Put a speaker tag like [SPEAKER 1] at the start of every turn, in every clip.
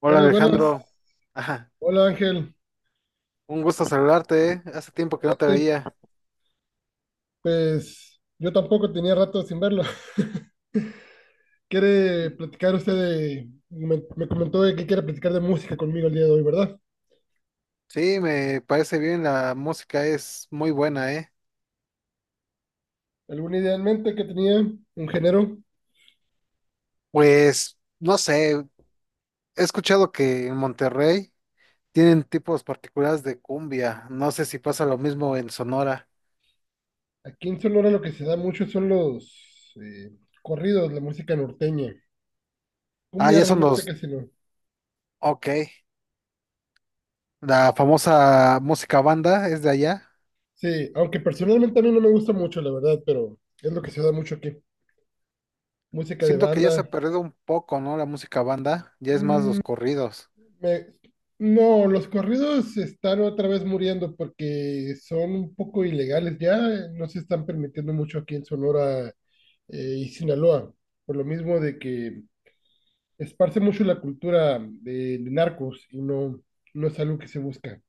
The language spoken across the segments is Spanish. [SPEAKER 1] Hola
[SPEAKER 2] Buenas, buenas.
[SPEAKER 1] Alejandro, ajá,
[SPEAKER 2] Hola Ángel.
[SPEAKER 1] un gusto saludarte, ¿eh? Hace tiempo que no te
[SPEAKER 2] Vente.
[SPEAKER 1] veía.
[SPEAKER 2] Pues yo tampoco tenía rato sin verlo. ¿Quiere
[SPEAKER 1] Y-
[SPEAKER 2] platicar usted de... Me comentó de que quiere platicar de música conmigo el día de hoy, ¿verdad?
[SPEAKER 1] Sí, me parece bien, la música es muy buena, ¿eh?
[SPEAKER 2] ¿Alguna idea en mente que tenía? ¿Un género?
[SPEAKER 1] Pues, no sé, he escuchado que en Monterrey tienen tipos particulares de cumbia, no sé si pasa lo mismo en Sonora.
[SPEAKER 2] Aquí en Sonora lo que se da mucho son los corridos, la música norteña.
[SPEAKER 1] Ah,
[SPEAKER 2] Cumbia
[SPEAKER 1] ya son
[SPEAKER 2] realmente
[SPEAKER 1] los,
[SPEAKER 2] casi no.
[SPEAKER 1] ok, la famosa música banda es de allá.
[SPEAKER 2] Sí, aunque personalmente a mí no me gusta mucho, la verdad, pero es lo que se da mucho aquí. Música de
[SPEAKER 1] Siento que ya se ha
[SPEAKER 2] banda.
[SPEAKER 1] perdido un poco, ¿no? La música banda, ya es más los corridos.
[SPEAKER 2] Me- No, los corridos están otra vez muriendo porque son un poco ilegales ya, no se están permitiendo mucho aquí en Sonora y Sinaloa, por lo mismo de que esparce mucho la cultura de narcos y no, no es algo que se busca,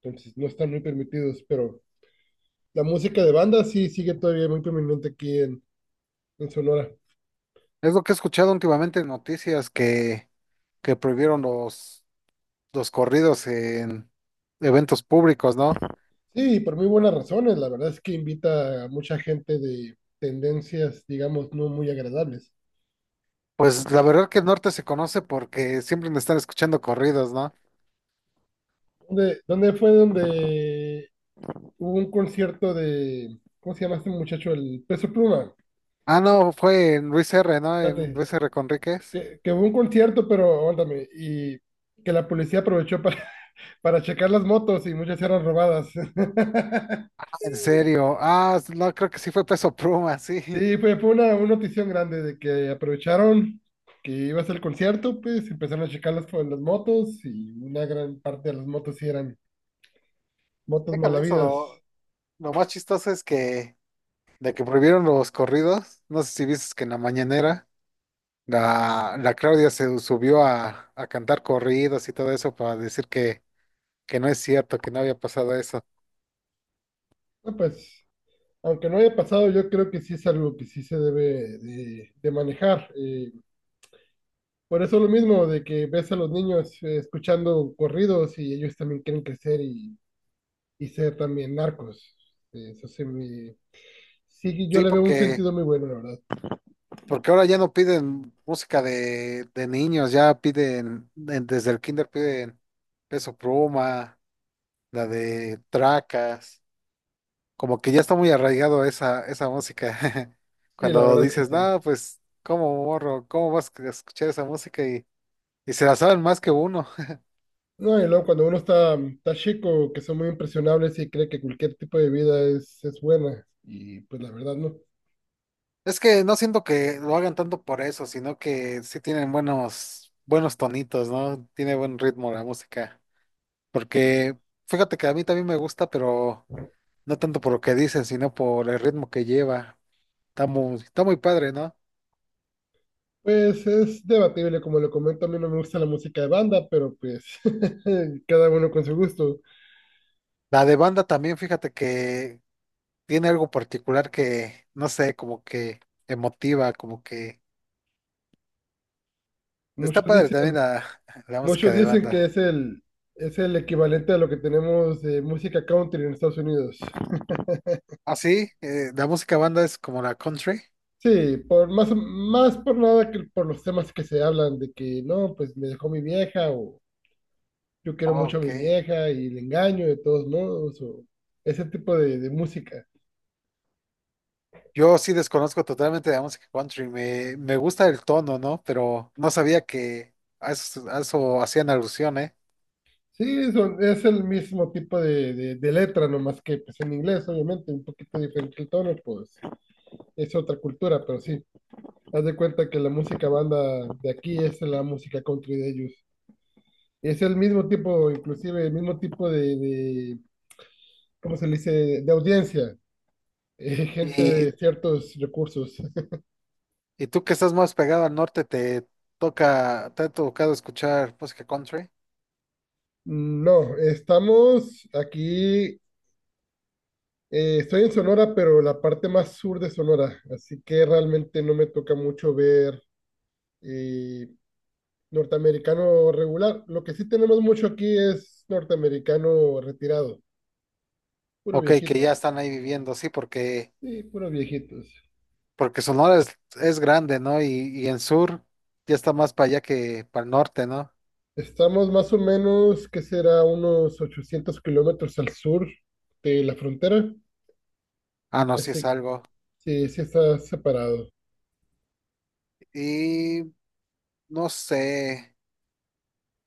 [SPEAKER 2] entonces no están muy permitidos, pero la música de banda sí sigue todavía muy prominente en Sonora.
[SPEAKER 1] Es lo que he escuchado últimamente en noticias que prohibieron los corridos en eventos públicos, ¿no?
[SPEAKER 2] Sí, por muy buenas razones, la verdad es que invita a mucha gente de tendencias, digamos, no muy agradables.
[SPEAKER 1] Pues la verdad que el norte se conoce porque siempre me están escuchando corridos, ¿no?
[SPEAKER 2] ¿Dónde fue donde hubo un concierto de, ¿cómo se llama este muchacho? El Peso Pluma.
[SPEAKER 1] Ah, no, fue en Luis R, ¿no? En
[SPEAKER 2] Espérate,
[SPEAKER 1] Luis R. Conríquez.
[SPEAKER 2] que hubo un concierto, pero aguántame, y que la policía aprovechó para, para checar las motos y muchas eran robadas.
[SPEAKER 1] Ah, en serio. Ah, no, creo que sí fue Peso Pluma, sí.
[SPEAKER 2] Sí, fue una notición grande de que aprovecharon que iba a ser el concierto, pues empezaron a checar las motos y una gran parte de las motos sí eran motos
[SPEAKER 1] Deja de eso,
[SPEAKER 2] malavidas.
[SPEAKER 1] lo más chistoso es que de que prohibieron los corridos, no sé si viste que en la mañanera la Claudia se subió a cantar corridos y todo eso para decir que no es cierto, que no había pasado eso.
[SPEAKER 2] No, pues. Aunque no haya pasado, yo creo que sí es algo que sí se debe de manejar. Por eso lo mismo de que ves a los niños escuchando corridos y ellos también quieren crecer y ser también narcos. Eh, Eso sí, me- sí, yo
[SPEAKER 1] Sí,
[SPEAKER 2] le veo un
[SPEAKER 1] porque,
[SPEAKER 2] sentido muy bueno, la verdad.
[SPEAKER 1] porque ahora ya no piden música de niños, ya piden, desde el kinder piden Peso Pluma, la de Tracas, como que ya está muy arraigado esa, esa música.
[SPEAKER 2] Sí, la
[SPEAKER 1] Cuando
[SPEAKER 2] verdad es que
[SPEAKER 1] dices,
[SPEAKER 2] sí.
[SPEAKER 1] no, pues, ¿cómo morro? ¿Cómo vas a escuchar esa música? Y se la saben más que uno.
[SPEAKER 2] No, y luego cuando uno está chico, que son muy impresionables y cree que cualquier tipo de vida es buena, y pues la verdad no.
[SPEAKER 1] Es que no siento que lo hagan tanto por eso, sino que sí tienen buenos tonitos, ¿no? Tiene buen ritmo la música. Porque, fíjate que a mí también me gusta, pero no tanto por lo que dicen, sino por el ritmo que lleva. Está muy padre, ¿no?
[SPEAKER 2] Pues es debatible, como lo comento, a mí no me gusta la música de banda, pero pues cada uno con su gusto.
[SPEAKER 1] La de banda también, fíjate que tiene algo particular que, no sé, como que emotiva, como que... está
[SPEAKER 2] Muchos
[SPEAKER 1] padre también
[SPEAKER 2] dicen,
[SPEAKER 1] la música
[SPEAKER 2] Muchos
[SPEAKER 1] de
[SPEAKER 2] dicen que
[SPEAKER 1] banda.
[SPEAKER 2] es el equivalente a lo que tenemos de música country en Estados Unidos.
[SPEAKER 1] Ah, sí, la música banda es como la country.
[SPEAKER 2] Sí, por más, más por nada que por los temas que se hablan de que no, pues me dejó mi vieja o yo quiero
[SPEAKER 1] Ah,
[SPEAKER 2] mucho a
[SPEAKER 1] ok.
[SPEAKER 2] mi vieja y le engaño de todos modos o ese tipo de música.
[SPEAKER 1] Yo sí desconozco totalmente la música country. Me gusta el tono, ¿no? Pero no sabía que a a eso hacían alusión, ¿eh?
[SPEAKER 2] Sí, es el mismo tipo de letra, nomás que pues en inglés, obviamente, un poquito diferente el tono, pues es otra cultura, pero sí, haz de cuenta que la música banda de aquí es la música country de ellos. Es el mismo tipo, inclusive, el mismo tipo de ¿cómo se le dice?, de audiencia, gente
[SPEAKER 1] Y
[SPEAKER 2] de ciertos recursos.
[SPEAKER 1] Y tú que estás más pegado al norte, ¿te te ha tocado escuchar música country?
[SPEAKER 2] No, estamos aquí, estoy en Sonora, pero la parte más sur de Sonora, así que realmente no me toca mucho ver... eh, Norteamericano regular. Lo que sí tenemos mucho aquí es norteamericano retirado. Puro
[SPEAKER 1] Ok, que ya
[SPEAKER 2] viejito.
[SPEAKER 1] están ahí viviendo, sí, porque,
[SPEAKER 2] Sí, puros viejitos.
[SPEAKER 1] porque Sonora es grande, ¿no? Y en sur ya está más para allá que para el norte, ¿no?
[SPEAKER 2] Estamos más o menos, que será unos 800 kilómetros al sur de la frontera.
[SPEAKER 1] Ah, no, sí
[SPEAKER 2] Así
[SPEAKER 1] es
[SPEAKER 2] que
[SPEAKER 1] algo.
[SPEAKER 2] sí está separado.
[SPEAKER 1] Y no sé,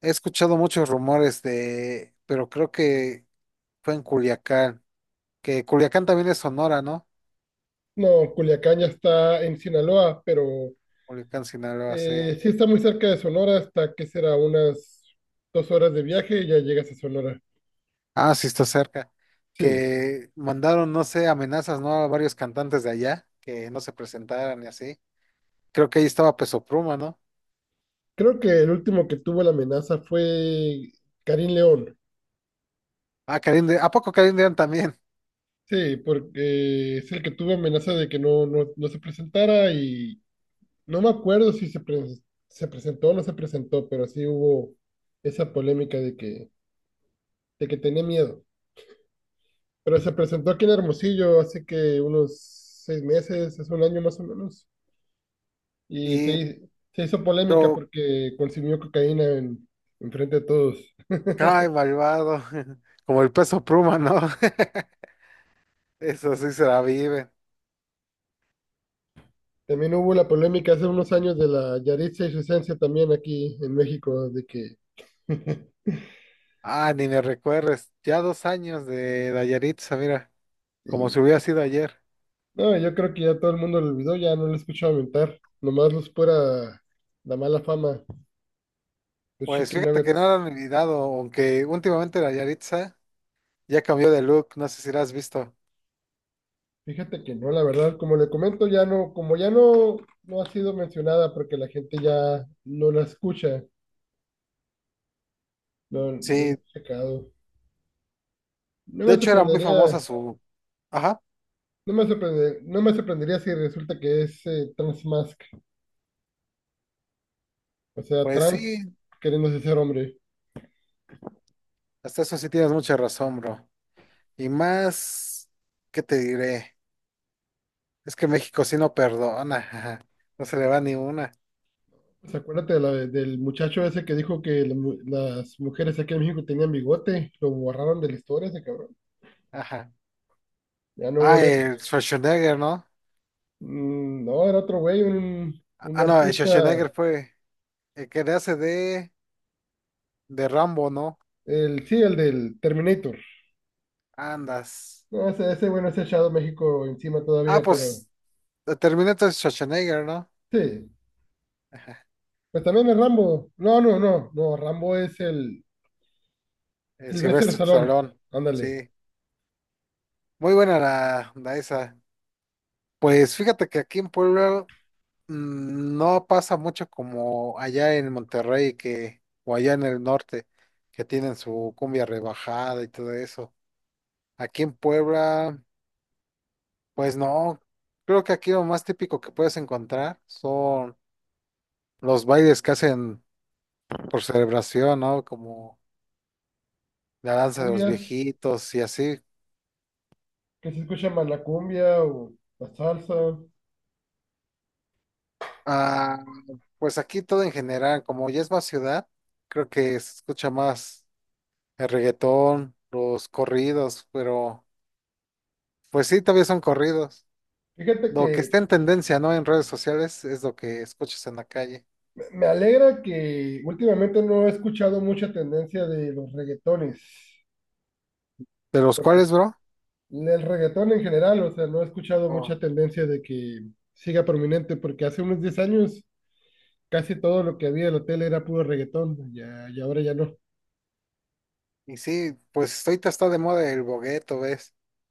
[SPEAKER 1] he escuchado muchos rumores de, pero creo que fue en Culiacán, que Culiacán también es Sonora, ¿no?
[SPEAKER 2] No, Culiacán ya está en Sinaloa, pero
[SPEAKER 1] Culiacán, Sinaloa, sí.
[SPEAKER 2] sí está muy cerca de Sonora, hasta que será unas 2 horas de viaje y ya llegas a Sonora.
[SPEAKER 1] Ah, sí, está cerca.
[SPEAKER 2] Sí,
[SPEAKER 1] Que mandaron, no sé, amenazas, ¿no? A varios cantantes de allá que no se presentaran y así. Creo que ahí estaba Peso Pluma, ¿no?
[SPEAKER 2] creo que el último que tuvo la amenaza fue Karim León.
[SPEAKER 1] Ah, Karim de, ¿a poco Karim León también?
[SPEAKER 2] Sí, porque es el que tuvo amenaza de que no, no, no se presentara y no me acuerdo si se presentó o no se presentó, pero sí hubo esa polémica de que tenía miedo. Pero se presentó aquí en Hermosillo hace que unos 6 meses, es un año más o menos, y
[SPEAKER 1] Y,
[SPEAKER 2] se hizo polémica
[SPEAKER 1] pero,
[SPEAKER 2] porque consumió cocaína en frente de todos.
[SPEAKER 1] cae malvado. Como el Peso Pluma, ¿no? Eso sí se la vive.
[SPEAKER 2] También hubo la polémica hace unos años de la Yaritza y su esencia también aquí en México, de que...
[SPEAKER 1] Ah, ni me recuerdes. Ya dos años de Dayaritza, mira. Como si hubiera sido ayer.
[SPEAKER 2] No, yo creo que ya todo el mundo lo olvidó, ya no lo he escuchado mentar. Nomás los pura la mala fama, los
[SPEAKER 1] Pues
[SPEAKER 2] chicken
[SPEAKER 1] fíjate que
[SPEAKER 2] nuggets.
[SPEAKER 1] no lo han olvidado, aunque últimamente Dayaritza ya cambió de look. No sé si lo has visto.
[SPEAKER 2] Fíjate que no, la verdad, como le comento, ya no, como ya no, no ha sido mencionada porque la gente ya no la escucha, no, no lo
[SPEAKER 1] Sí,
[SPEAKER 2] he checado. No
[SPEAKER 1] de
[SPEAKER 2] me
[SPEAKER 1] hecho, era muy famosa
[SPEAKER 2] sorprendería,
[SPEAKER 1] su... ajá,
[SPEAKER 2] no me sorprendería si resulta que es trans mask, o sea,
[SPEAKER 1] pues
[SPEAKER 2] trans
[SPEAKER 1] sí,
[SPEAKER 2] queriéndose ser hombre.
[SPEAKER 1] hasta eso sí tienes mucha razón, bro. Y más, ¿qué te diré? Es que México sí no perdona, ajá. No se le va ni una,
[SPEAKER 2] Pues acuérdate de del muchacho ese que dijo que las mujeres aquí en México tenían bigote, lo borraron de la historia ese cabrón.
[SPEAKER 1] ajá.
[SPEAKER 2] Ya no
[SPEAKER 1] Ah,
[SPEAKER 2] volvió.
[SPEAKER 1] el Schwarzenegger, ¿no?
[SPEAKER 2] No, era otro güey, un
[SPEAKER 1] Ah, no, el Schwarzenegger
[SPEAKER 2] artista,
[SPEAKER 1] fue el que le hace de Rambo, ¿no?
[SPEAKER 2] el sí, el del Terminator.
[SPEAKER 1] Andas.
[SPEAKER 2] No, ese güey no se echado México encima
[SPEAKER 1] Ah,
[SPEAKER 2] todavía, pero
[SPEAKER 1] pues Terminator es Schwarzenegger, ¿no?
[SPEAKER 2] sí.
[SPEAKER 1] Ajá.
[SPEAKER 2] Pues también es Rambo. No, Rambo es el
[SPEAKER 1] El
[SPEAKER 2] Silvestre
[SPEAKER 1] silvestre
[SPEAKER 2] Salón.
[SPEAKER 1] Stallone,
[SPEAKER 2] Ándale.
[SPEAKER 1] sí. Muy buena la esa. Pues fíjate que aquí en Puebla mm, no pasa mucho como allá en Monterrey que, o allá en el norte, que tienen su cumbia rebajada y todo eso. Aquí en Puebla, pues no, creo que aquí lo más típico que puedes encontrar son los bailes que hacen por celebración, ¿no? Como la danza de los
[SPEAKER 2] Cumbias,
[SPEAKER 1] viejitos y así.
[SPEAKER 2] que se escucha más la cumbia o la salsa.
[SPEAKER 1] Ah, pues aquí todo en general, como ya es más ciudad, creo que se escucha más el reggaetón, los corridos, pero... pues sí, todavía son corridos.
[SPEAKER 2] Fíjate
[SPEAKER 1] Lo que está
[SPEAKER 2] que
[SPEAKER 1] en tendencia, ¿no? En redes sociales es lo que escuchas en la calle.
[SPEAKER 2] me alegra que últimamente no he escuchado mucha tendencia de los reggaetones,
[SPEAKER 1] ¿De los cuales,
[SPEAKER 2] porque
[SPEAKER 1] bro?
[SPEAKER 2] el reggaetón en general, o sea, no he escuchado mucha
[SPEAKER 1] Oh,
[SPEAKER 2] tendencia de que siga prominente, porque hace unos 10 años casi todo lo que había en la tele era puro reggaetón, ya, y ahora ya no.
[SPEAKER 1] y sí, pues ahorita está de moda el bogueto, ¿ves?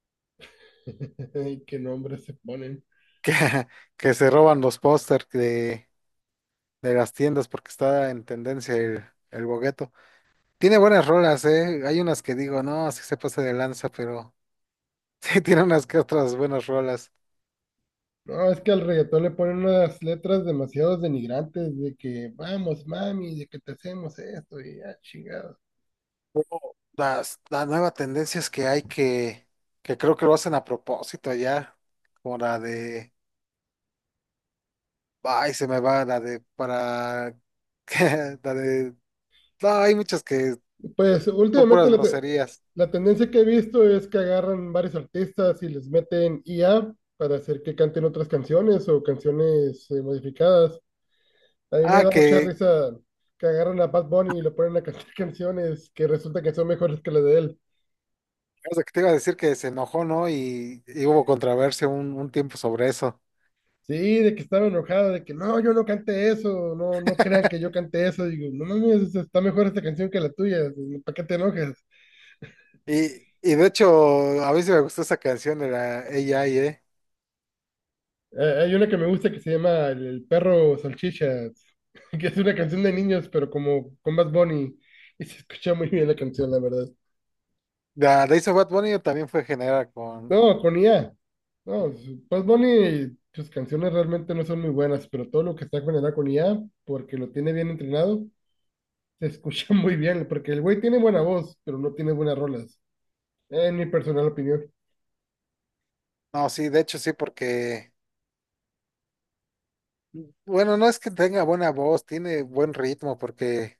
[SPEAKER 2] Ay, qué nombres se ponen.
[SPEAKER 1] Que, que se roban los pósters de las tiendas porque está en tendencia el bogueto. Tiene buenas rolas, ¿eh? Hay unas que digo, no, sí se pasa de lanza, pero sí tiene unas que otras buenas rolas.
[SPEAKER 2] No, es que al reggaetón le ponen unas letras demasiado denigrantes de que vamos, mami, de que te hacemos esto y ya, chingado.
[SPEAKER 1] La nueva tendencia es que que creo que lo hacen a propósito ya, como la de ay, se me va la de para la de no, hay muchas que
[SPEAKER 2] Pues
[SPEAKER 1] son
[SPEAKER 2] últimamente,
[SPEAKER 1] puras groserías.
[SPEAKER 2] La tendencia que he visto es que agarran varios artistas y les meten IA para hacer que canten otras canciones o canciones modificadas. A mí me
[SPEAKER 1] Ah,
[SPEAKER 2] da mucha
[SPEAKER 1] que,
[SPEAKER 2] risa que agarran a Bad Bunny y le ponen a cantar canciones que resulta que son mejores que las de él.
[SPEAKER 1] o sea, que te iba a decir que se enojó, ¿no? Y hubo controversia un tiempo sobre eso.
[SPEAKER 2] Sí, de que estaba enojado, de que no, yo no cante eso, no, no crean que yo cante eso. Digo, no mames, está mejor esta canción que la tuya, ¿para qué te enojas?
[SPEAKER 1] Y de hecho, a mí sí me gustó esa canción de la AI, ¿eh?
[SPEAKER 2] Hay una que me gusta que se llama El perro salchicha, que es una canción de niños, pero como con Bad Bunny. Y se escucha muy bien la canción, la verdad.
[SPEAKER 1] La de Ace of Bad Bunny también fue generada con.
[SPEAKER 2] No, con IA. No, Bad Bunny, sus canciones realmente no son muy buenas, pero todo lo que está generado con IA, porque lo tiene bien entrenado, se escucha muy bien, porque el güey tiene buena voz, pero no tiene buenas rolas, en mi personal opinión.
[SPEAKER 1] No, sí, de hecho sí, porque. Bueno, no es que tenga buena voz, tiene buen ritmo, porque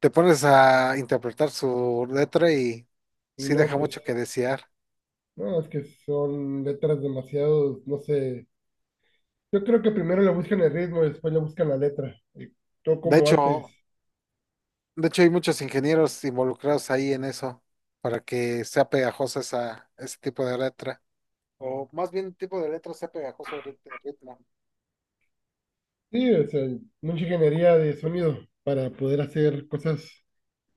[SPEAKER 1] te pones a interpretar su letra y
[SPEAKER 2] Y
[SPEAKER 1] sí
[SPEAKER 2] no,
[SPEAKER 1] deja
[SPEAKER 2] pues,
[SPEAKER 1] mucho que desear.
[SPEAKER 2] no, es que son letras demasiado, no sé. Yo creo que primero le buscan el ritmo y después le buscan la letra. Y todo
[SPEAKER 1] De
[SPEAKER 2] como
[SPEAKER 1] hecho,
[SPEAKER 2] antes.
[SPEAKER 1] de hecho, hay muchos ingenieros involucrados ahí en eso, para que sea pegajosa esa, ese tipo de letra. O más bien tipo de letra sea pegajoso el el ritmo.
[SPEAKER 2] Sí, o sea, mucha ingeniería de sonido para poder hacer cosas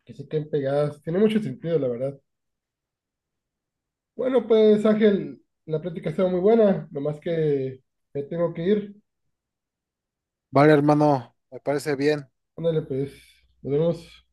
[SPEAKER 2] que se queden pegadas. Tiene mucho sentido, la verdad. Bueno, pues Ángel, la plática estaba muy buena, nomás que me tengo que ir.
[SPEAKER 1] Vale, hermano, me parece bien.
[SPEAKER 2] Ándale, pues, nos vemos.